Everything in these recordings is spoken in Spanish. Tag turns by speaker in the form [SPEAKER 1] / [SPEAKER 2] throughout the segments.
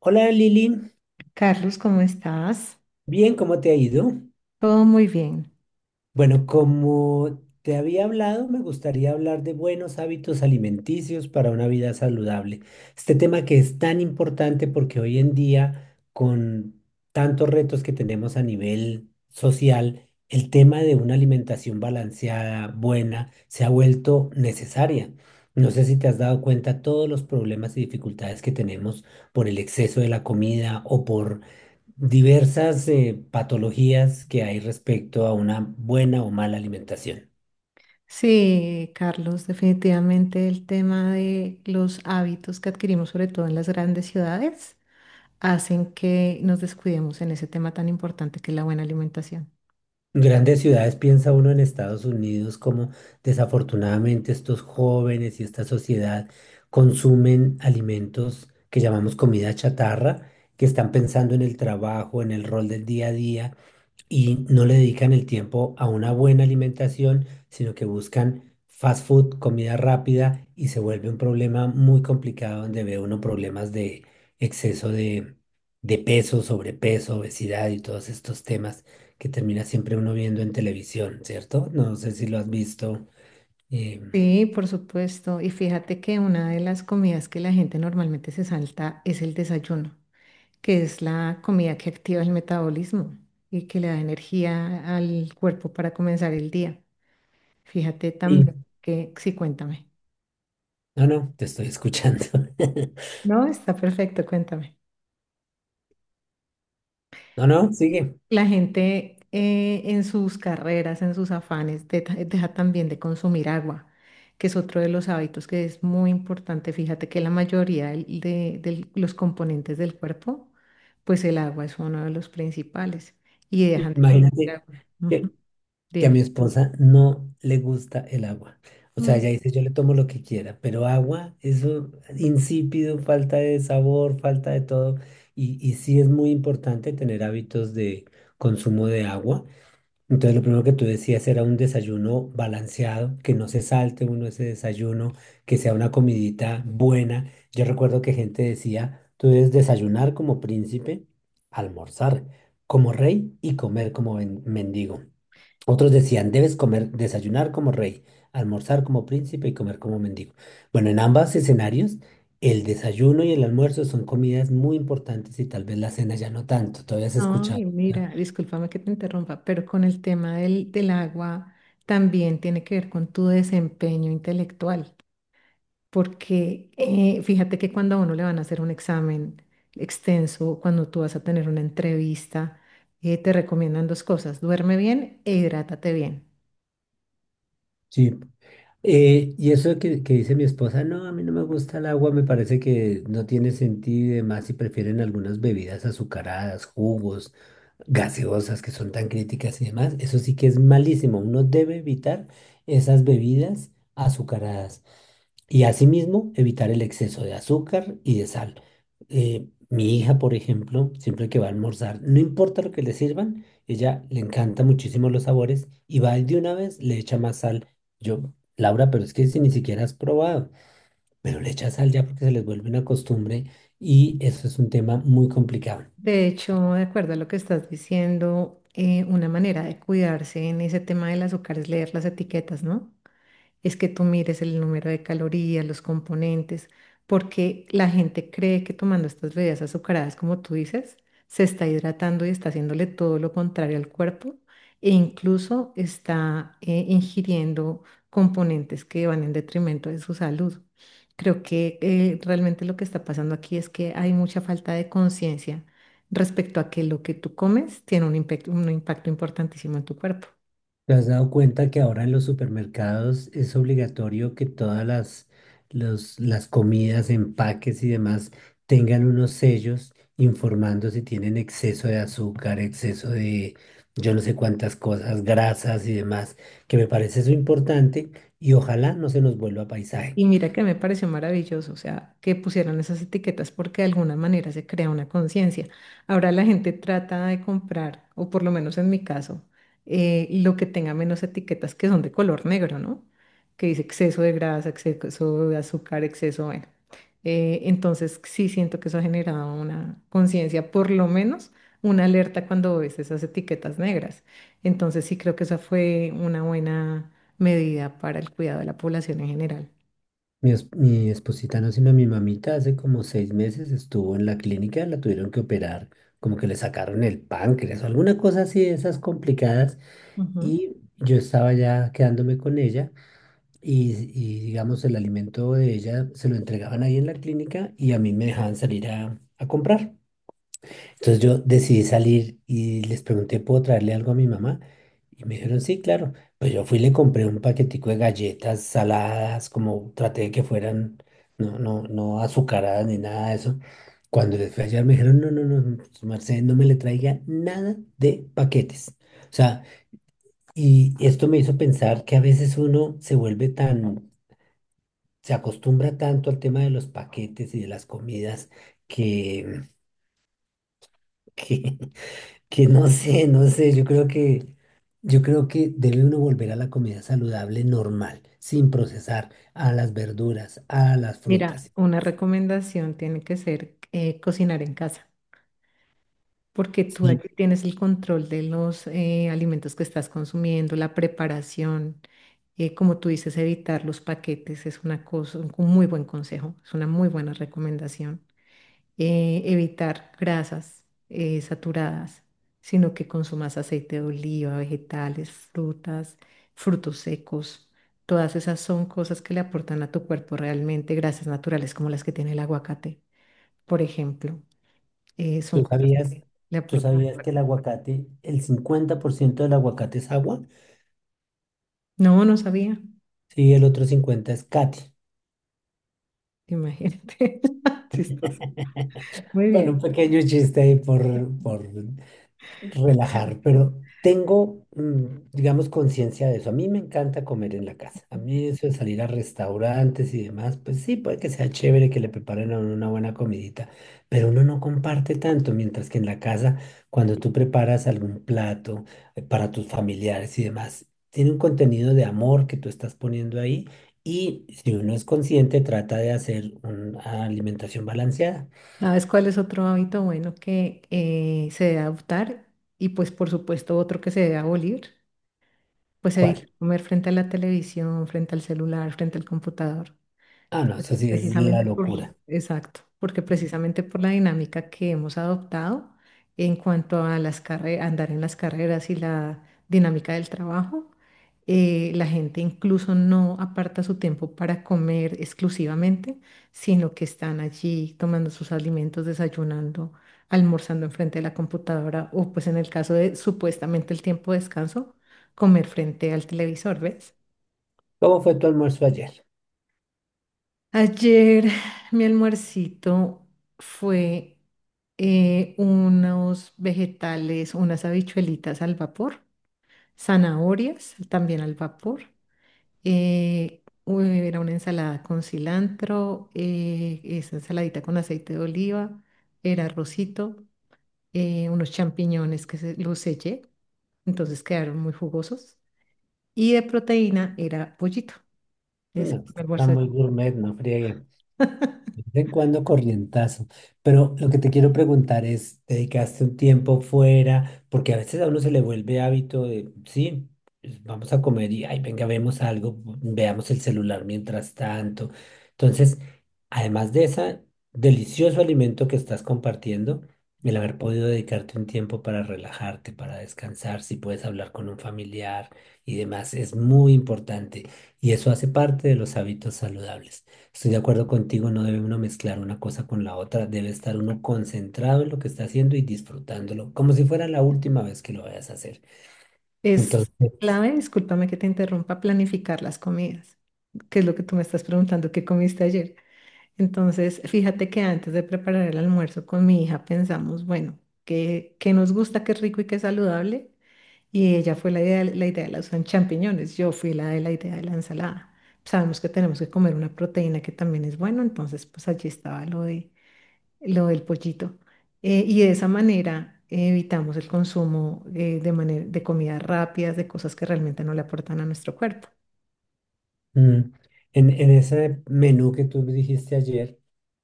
[SPEAKER 1] Hola Lili,
[SPEAKER 2] Carlos, ¿cómo estás?
[SPEAKER 1] bien, ¿cómo te ha ido?
[SPEAKER 2] Todo muy bien.
[SPEAKER 1] Bueno, como te había hablado, me gustaría hablar de buenos hábitos alimenticios para una vida saludable. Este tema que es tan importante porque hoy en día, con tantos retos que tenemos a nivel social, el tema de una alimentación balanceada, buena, se ha vuelto necesaria. No sé si te has dado cuenta todos los problemas y dificultades que tenemos por el exceso de la comida o por diversas patologías que hay respecto a una buena o mala alimentación.
[SPEAKER 2] Sí, Carlos, definitivamente el tema de los hábitos que adquirimos, sobre todo en las grandes ciudades, hacen que nos descuidemos en ese tema tan importante que es la buena alimentación.
[SPEAKER 1] Grandes ciudades piensa uno en Estados Unidos como desafortunadamente estos jóvenes y esta sociedad consumen alimentos que llamamos comida chatarra, que están pensando en el trabajo, en el rol del día a día y no le dedican el tiempo a una buena alimentación, sino que buscan fast food, comida rápida, y se vuelve un problema muy complicado donde ve uno problemas de exceso de, de peso, sobrepeso, obesidad y todos estos temas que termina siempre uno viendo en televisión, ¿cierto? No sé si lo has visto. eh,
[SPEAKER 2] Sí, por supuesto. Y fíjate que una de las comidas que la gente normalmente se salta es el desayuno, que es la comida que activa el metabolismo y que le da energía al cuerpo para comenzar el día. Fíjate
[SPEAKER 1] y-
[SPEAKER 2] también que, sí, cuéntame.
[SPEAKER 1] no, no, te estoy escuchando.
[SPEAKER 2] No, está perfecto, cuéntame.
[SPEAKER 1] No, no, sigue.
[SPEAKER 2] La gente en sus carreras, en sus afanes, deja también de consumir agua, que es otro de los hábitos que es muy importante. Fíjate que la mayoría de los componentes del cuerpo, pues el agua es uno de los principales y dejan de consumir
[SPEAKER 1] Imagínate
[SPEAKER 2] agua. Ujú.
[SPEAKER 1] que que a mi
[SPEAKER 2] Dime.
[SPEAKER 1] esposa no le gusta el agua. O sea,
[SPEAKER 2] Mm.
[SPEAKER 1] ella dice, yo le tomo lo que quiera, pero agua, eso insípido, falta de sabor, falta de todo. Y sí es muy importante tener hábitos de consumo de agua. Entonces, lo primero que tú decías era un desayuno balanceado, que no se salte uno ese desayuno, que sea una comidita buena. Yo recuerdo que gente decía, tú debes desayunar como príncipe, almorzar como rey y comer como mendigo. Otros decían, debes comer, desayunar como rey, almorzar como príncipe y comer como mendigo. Bueno, en ambos escenarios, el desayuno y el almuerzo son comidas muy importantes y tal vez la cena ya no tanto. Todavía has
[SPEAKER 2] No,
[SPEAKER 1] escuchado.
[SPEAKER 2] y
[SPEAKER 1] ¿Verdad?
[SPEAKER 2] mira, discúlpame que te interrumpa, pero con el tema del agua también tiene que ver con tu desempeño intelectual. Porque fíjate que cuando a uno le van a hacer un examen extenso, cuando tú vas a tener una entrevista, te recomiendan dos cosas, duerme bien e hidrátate bien.
[SPEAKER 1] Sí. Y eso que dice mi esposa, no, a mí no me gusta el agua, me parece que no tiene sentido y demás, si prefieren algunas bebidas azucaradas, jugos, gaseosas que son tan críticas y demás. Eso sí que es malísimo. Uno debe evitar esas bebidas azucaradas. Y asimismo, evitar el exceso de azúcar y de sal. Mi hija, por ejemplo, siempre que va a almorzar, no importa lo que le sirvan, ella le encanta muchísimo los sabores y va y de una vez le echa más sal. Yo, Laura, pero es que si ni siquiera has probado, pero le echa sal ya porque se les vuelve una costumbre y eso es un tema muy complicado.
[SPEAKER 2] De hecho, de acuerdo a lo que estás diciendo, una manera de cuidarse en ese tema del azúcar es leer las etiquetas, ¿no? Es que tú mires el número de calorías, los componentes, porque la gente cree que tomando estas bebidas azucaradas, como tú dices, se está hidratando y está haciéndole todo lo contrario al cuerpo e incluso está ingiriendo componentes que van en detrimento de su salud. Creo que realmente lo que está pasando aquí es que hay mucha falta de conciencia respecto a que lo que tú comes tiene un un impacto importantísimo en tu cuerpo.
[SPEAKER 1] ¿Te has dado cuenta que ahora en los supermercados es obligatorio que todas las comidas, empaques y demás tengan unos sellos informando si tienen exceso de azúcar, exceso de yo no sé cuántas cosas, grasas y demás? Que me parece eso importante y ojalá no se nos vuelva paisaje.
[SPEAKER 2] Y mira que me pareció maravilloso, o sea, que pusieran esas etiquetas porque de alguna manera se crea una conciencia. Ahora la gente trata de comprar, o por lo menos en mi caso, lo que tenga menos etiquetas que son de color negro, ¿no? Que dice exceso de grasa, exceso de azúcar, exceso, bueno. Entonces sí siento que eso ha generado una conciencia, por lo menos una alerta cuando ves esas etiquetas negras. Entonces sí creo que esa fue una buena medida para el cuidado de la población en general.
[SPEAKER 1] Mi esposita, no, sino mi mamita, hace como 6 meses estuvo en la clínica, la tuvieron que operar, como que le sacaron el páncreas o alguna cosa así de esas complicadas.
[SPEAKER 2] Ujú.
[SPEAKER 1] Y yo estaba ya quedándome con ella digamos, el alimento de ella se lo entregaban ahí en la clínica y a mí me dejaban salir a comprar. Entonces yo decidí salir y les pregunté, ¿puedo traerle algo a mi mamá? Y me dijeron, sí, claro. Pues yo fui y le compré un paquetico de galletas saladas, como traté de que fueran, no azucaradas ni nada de eso. Cuando les fui a hallar me dijeron, no, no, no, Mercedes, no me le traiga nada de paquetes. O sea, y esto me hizo pensar que a veces uno se vuelve tan, se acostumbra tanto al tema de los paquetes y de las comidas que, que, que no sé, yo creo que debe uno volver a la comida saludable normal, sin procesar, a las verduras, a las
[SPEAKER 2] Mira,
[SPEAKER 1] frutas.
[SPEAKER 2] una recomendación tiene que ser cocinar en casa, porque tú
[SPEAKER 1] Sí,
[SPEAKER 2] allí tienes el control de los alimentos que estás consumiendo, la preparación, como tú dices, evitar los paquetes es una cosa, un muy buen consejo, es una muy buena recomendación. Evitar grasas saturadas, sino que consumas aceite de oliva, vegetales, frutas, frutos secos. Todas esas son cosas que le aportan a tu cuerpo realmente grasas naturales como las que tiene el aguacate, por ejemplo. Son
[SPEAKER 1] tú
[SPEAKER 2] cosas
[SPEAKER 1] sabías,
[SPEAKER 2] que le
[SPEAKER 1] tú
[SPEAKER 2] aportan al
[SPEAKER 1] sabías que
[SPEAKER 2] cuerpo.
[SPEAKER 1] el aguacate, el 50% del aguacate es agua,
[SPEAKER 2] No, no sabía.
[SPEAKER 1] sí, el otro 50 es cati.
[SPEAKER 2] Imagínate. Chistoso. Muy
[SPEAKER 1] Bueno, un
[SPEAKER 2] bien.
[SPEAKER 1] pequeño chiste ahí por relajar, pero tengo, mm, digamos, conciencia de eso. A mí me encanta comer en la casa. A mí eso de salir a restaurantes y demás, pues sí, puede que sea chévere que le preparen a uno una buena comidita, pero uno no comparte tanto, mientras que en la casa, cuando tú preparas algún plato para tus familiares y demás, tiene un contenido de amor que tú estás poniendo ahí. Y si uno es consciente, trata de hacer una alimentación balanceada.
[SPEAKER 2] ¿Sabes cuál es otro hábito bueno que se debe adoptar? Y pues por supuesto otro que se debe abolir. Pues evitar
[SPEAKER 1] ¿Cuál?
[SPEAKER 2] comer frente a la televisión, frente al celular, frente al computador.
[SPEAKER 1] Ah, no, eso sí es la
[SPEAKER 2] Precisamente por,
[SPEAKER 1] locura.
[SPEAKER 2] exacto, porque precisamente por la dinámica que hemos adoptado en cuanto a las andar en las carreras y la dinámica del trabajo, la gente incluso no aparta su tiempo para comer exclusivamente, sino que están allí tomando sus alimentos, desayunando, almorzando enfrente de la computadora o pues en el caso de supuestamente el tiempo de descanso, comer frente al televisor, ¿ves?
[SPEAKER 1] ¿Cómo fue tu almuerzo ayer?
[SPEAKER 2] Ayer mi almuercito fue unos vegetales, unas habichuelitas al vapor, zanahorias también al vapor. Era una ensalada con cilantro, esa ensaladita con aceite de oliva, era arrocito, unos champiñones los sellé, entonces quedaron muy jugosos. Y de proteína era pollito. Ese
[SPEAKER 1] No,
[SPEAKER 2] fue
[SPEAKER 1] pues,
[SPEAKER 2] mi
[SPEAKER 1] está
[SPEAKER 2] almuerzo.
[SPEAKER 1] muy gourmet, no friegue. De vez en cuando corrientazo. Pero lo que te quiero preguntar es, ¿dedicaste un tiempo fuera? Porque a veces a uno se le vuelve hábito de, sí, pues, vamos a comer y, ay, venga, vemos algo, veamos el celular mientras tanto. Entonces, además de ese delicioso alimento que estás compartiendo, el haber podido dedicarte un tiempo para relajarte, para descansar, si puedes hablar con un familiar y demás, es muy importante. Y eso hace parte de los hábitos saludables. Estoy de acuerdo contigo, no debe uno mezclar una cosa con la otra, debe estar uno concentrado en lo que está haciendo y disfrutándolo, como si fuera la última vez que lo vayas a hacer.
[SPEAKER 2] Es
[SPEAKER 1] Entonces,
[SPEAKER 2] clave, discúlpame que te interrumpa, planificar las comidas, que es lo que tú me estás preguntando, ¿qué comiste ayer? Entonces, fíjate que antes de preparar el almuerzo con mi hija pensamos, bueno, ¿qué, qué nos gusta, qué rico y qué saludable? Y ella fue la idea de los champiñones, yo fui la de la idea de la ensalada. Sabemos que tenemos que comer una proteína que también es bueno, entonces pues allí estaba lo de lo del pollito. Y de esa manera evitamos el consumo de comidas rápidas, de cosas que realmente no le aportan a nuestro cuerpo.
[SPEAKER 1] mm, en ese menú que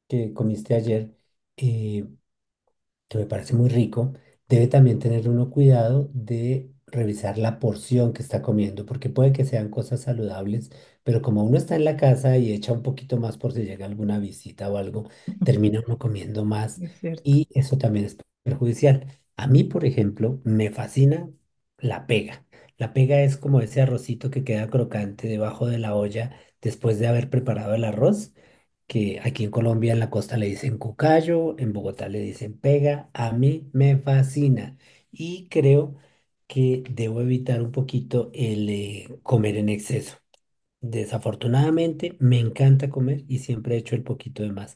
[SPEAKER 1] que comiste ayer, eh, que me parece muy rico, debe también tener uno cuidado de revisar la porción que está comiendo, porque puede que sean cosas saludables, pero como uno está en la casa y echa un poquito más por si llega alguna visita o algo, termina uno comiendo más
[SPEAKER 2] Es cierto.
[SPEAKER 1] y eso también es perjudicial. A mí, por ejemplo, me fascina la pega. La pega es como ese arrocito que queda crocante debajo de la olla después de haber preparado el arroz que aquí en Colombia en la costa le dicen cucayo, en Bogotá le dicen pega, a mí me fascina y creo que debo evitar un poquito el comer en exceso. Desafortunadamente me encanta comer y siempre he hecho el poquito de más,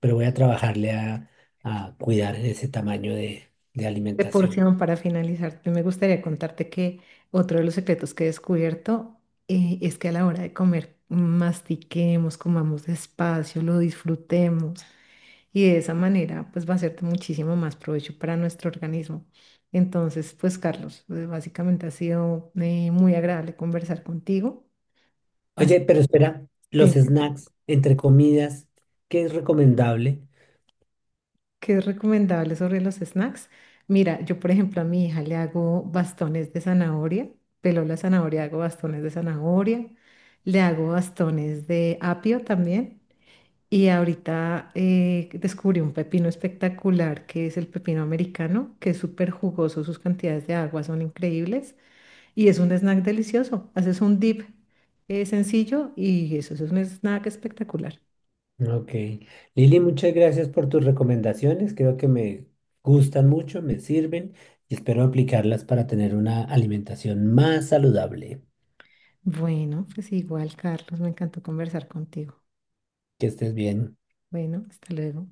[SPEAKER 1] pero voy a trabajarle a cuidar ese tamaño de
[SPEAKER 2] De
[SPEAKER 1] alimentación.
[SPEAKER 2] porción, para finalizar, me gustaría contarte que otro de los secretos que he descubierto es que a la hora de comer, mastiquemos, comamos despacio, lo disfrutemos. Y de esa manera pues va a ser de muchísimo más provecho para nuestro organismo. Entonces, pues Carlos, básicamente ha sido muy agradable conversar contigo. Así
[SPEAKER 1] Oye, pero espera,
[SPEAKER 2] que
[SPEAKER 1] los
[SPEAKER 2] dime,
[SPEAKER 1] snacks entre comidas, ¿qué es recomendable?
[SPEAKER 2] ¿qué es recomendable sobre los snacks? Mira, yo por ejemplo a mi hija le hago bastones de zanahoria, pelo la zanahoria, hago bastones de zanahoria, le hago bastones de apio también. Y ahorita descubrí un pepino espectacular que es el pepino americano, que es súper jugoso, sus cantidades de agua son increíbles y es un snack delicioso. Haces un dip sencillo y eso es un snack espectacular.
[SPEAKER 1] Ok. Lili, muchas gracias por tus recomendaciones. Creo que me gustan mucho, me sirven y espero aplicarlas para tener una alimentación más saludable.
[SPEAKER 2] Bueno, pues igual, Carlos, me encantó conversar contigo.
[SPEAKER 1] Que estés bien.
[SPEAKER 2] Bueno, hasta luego.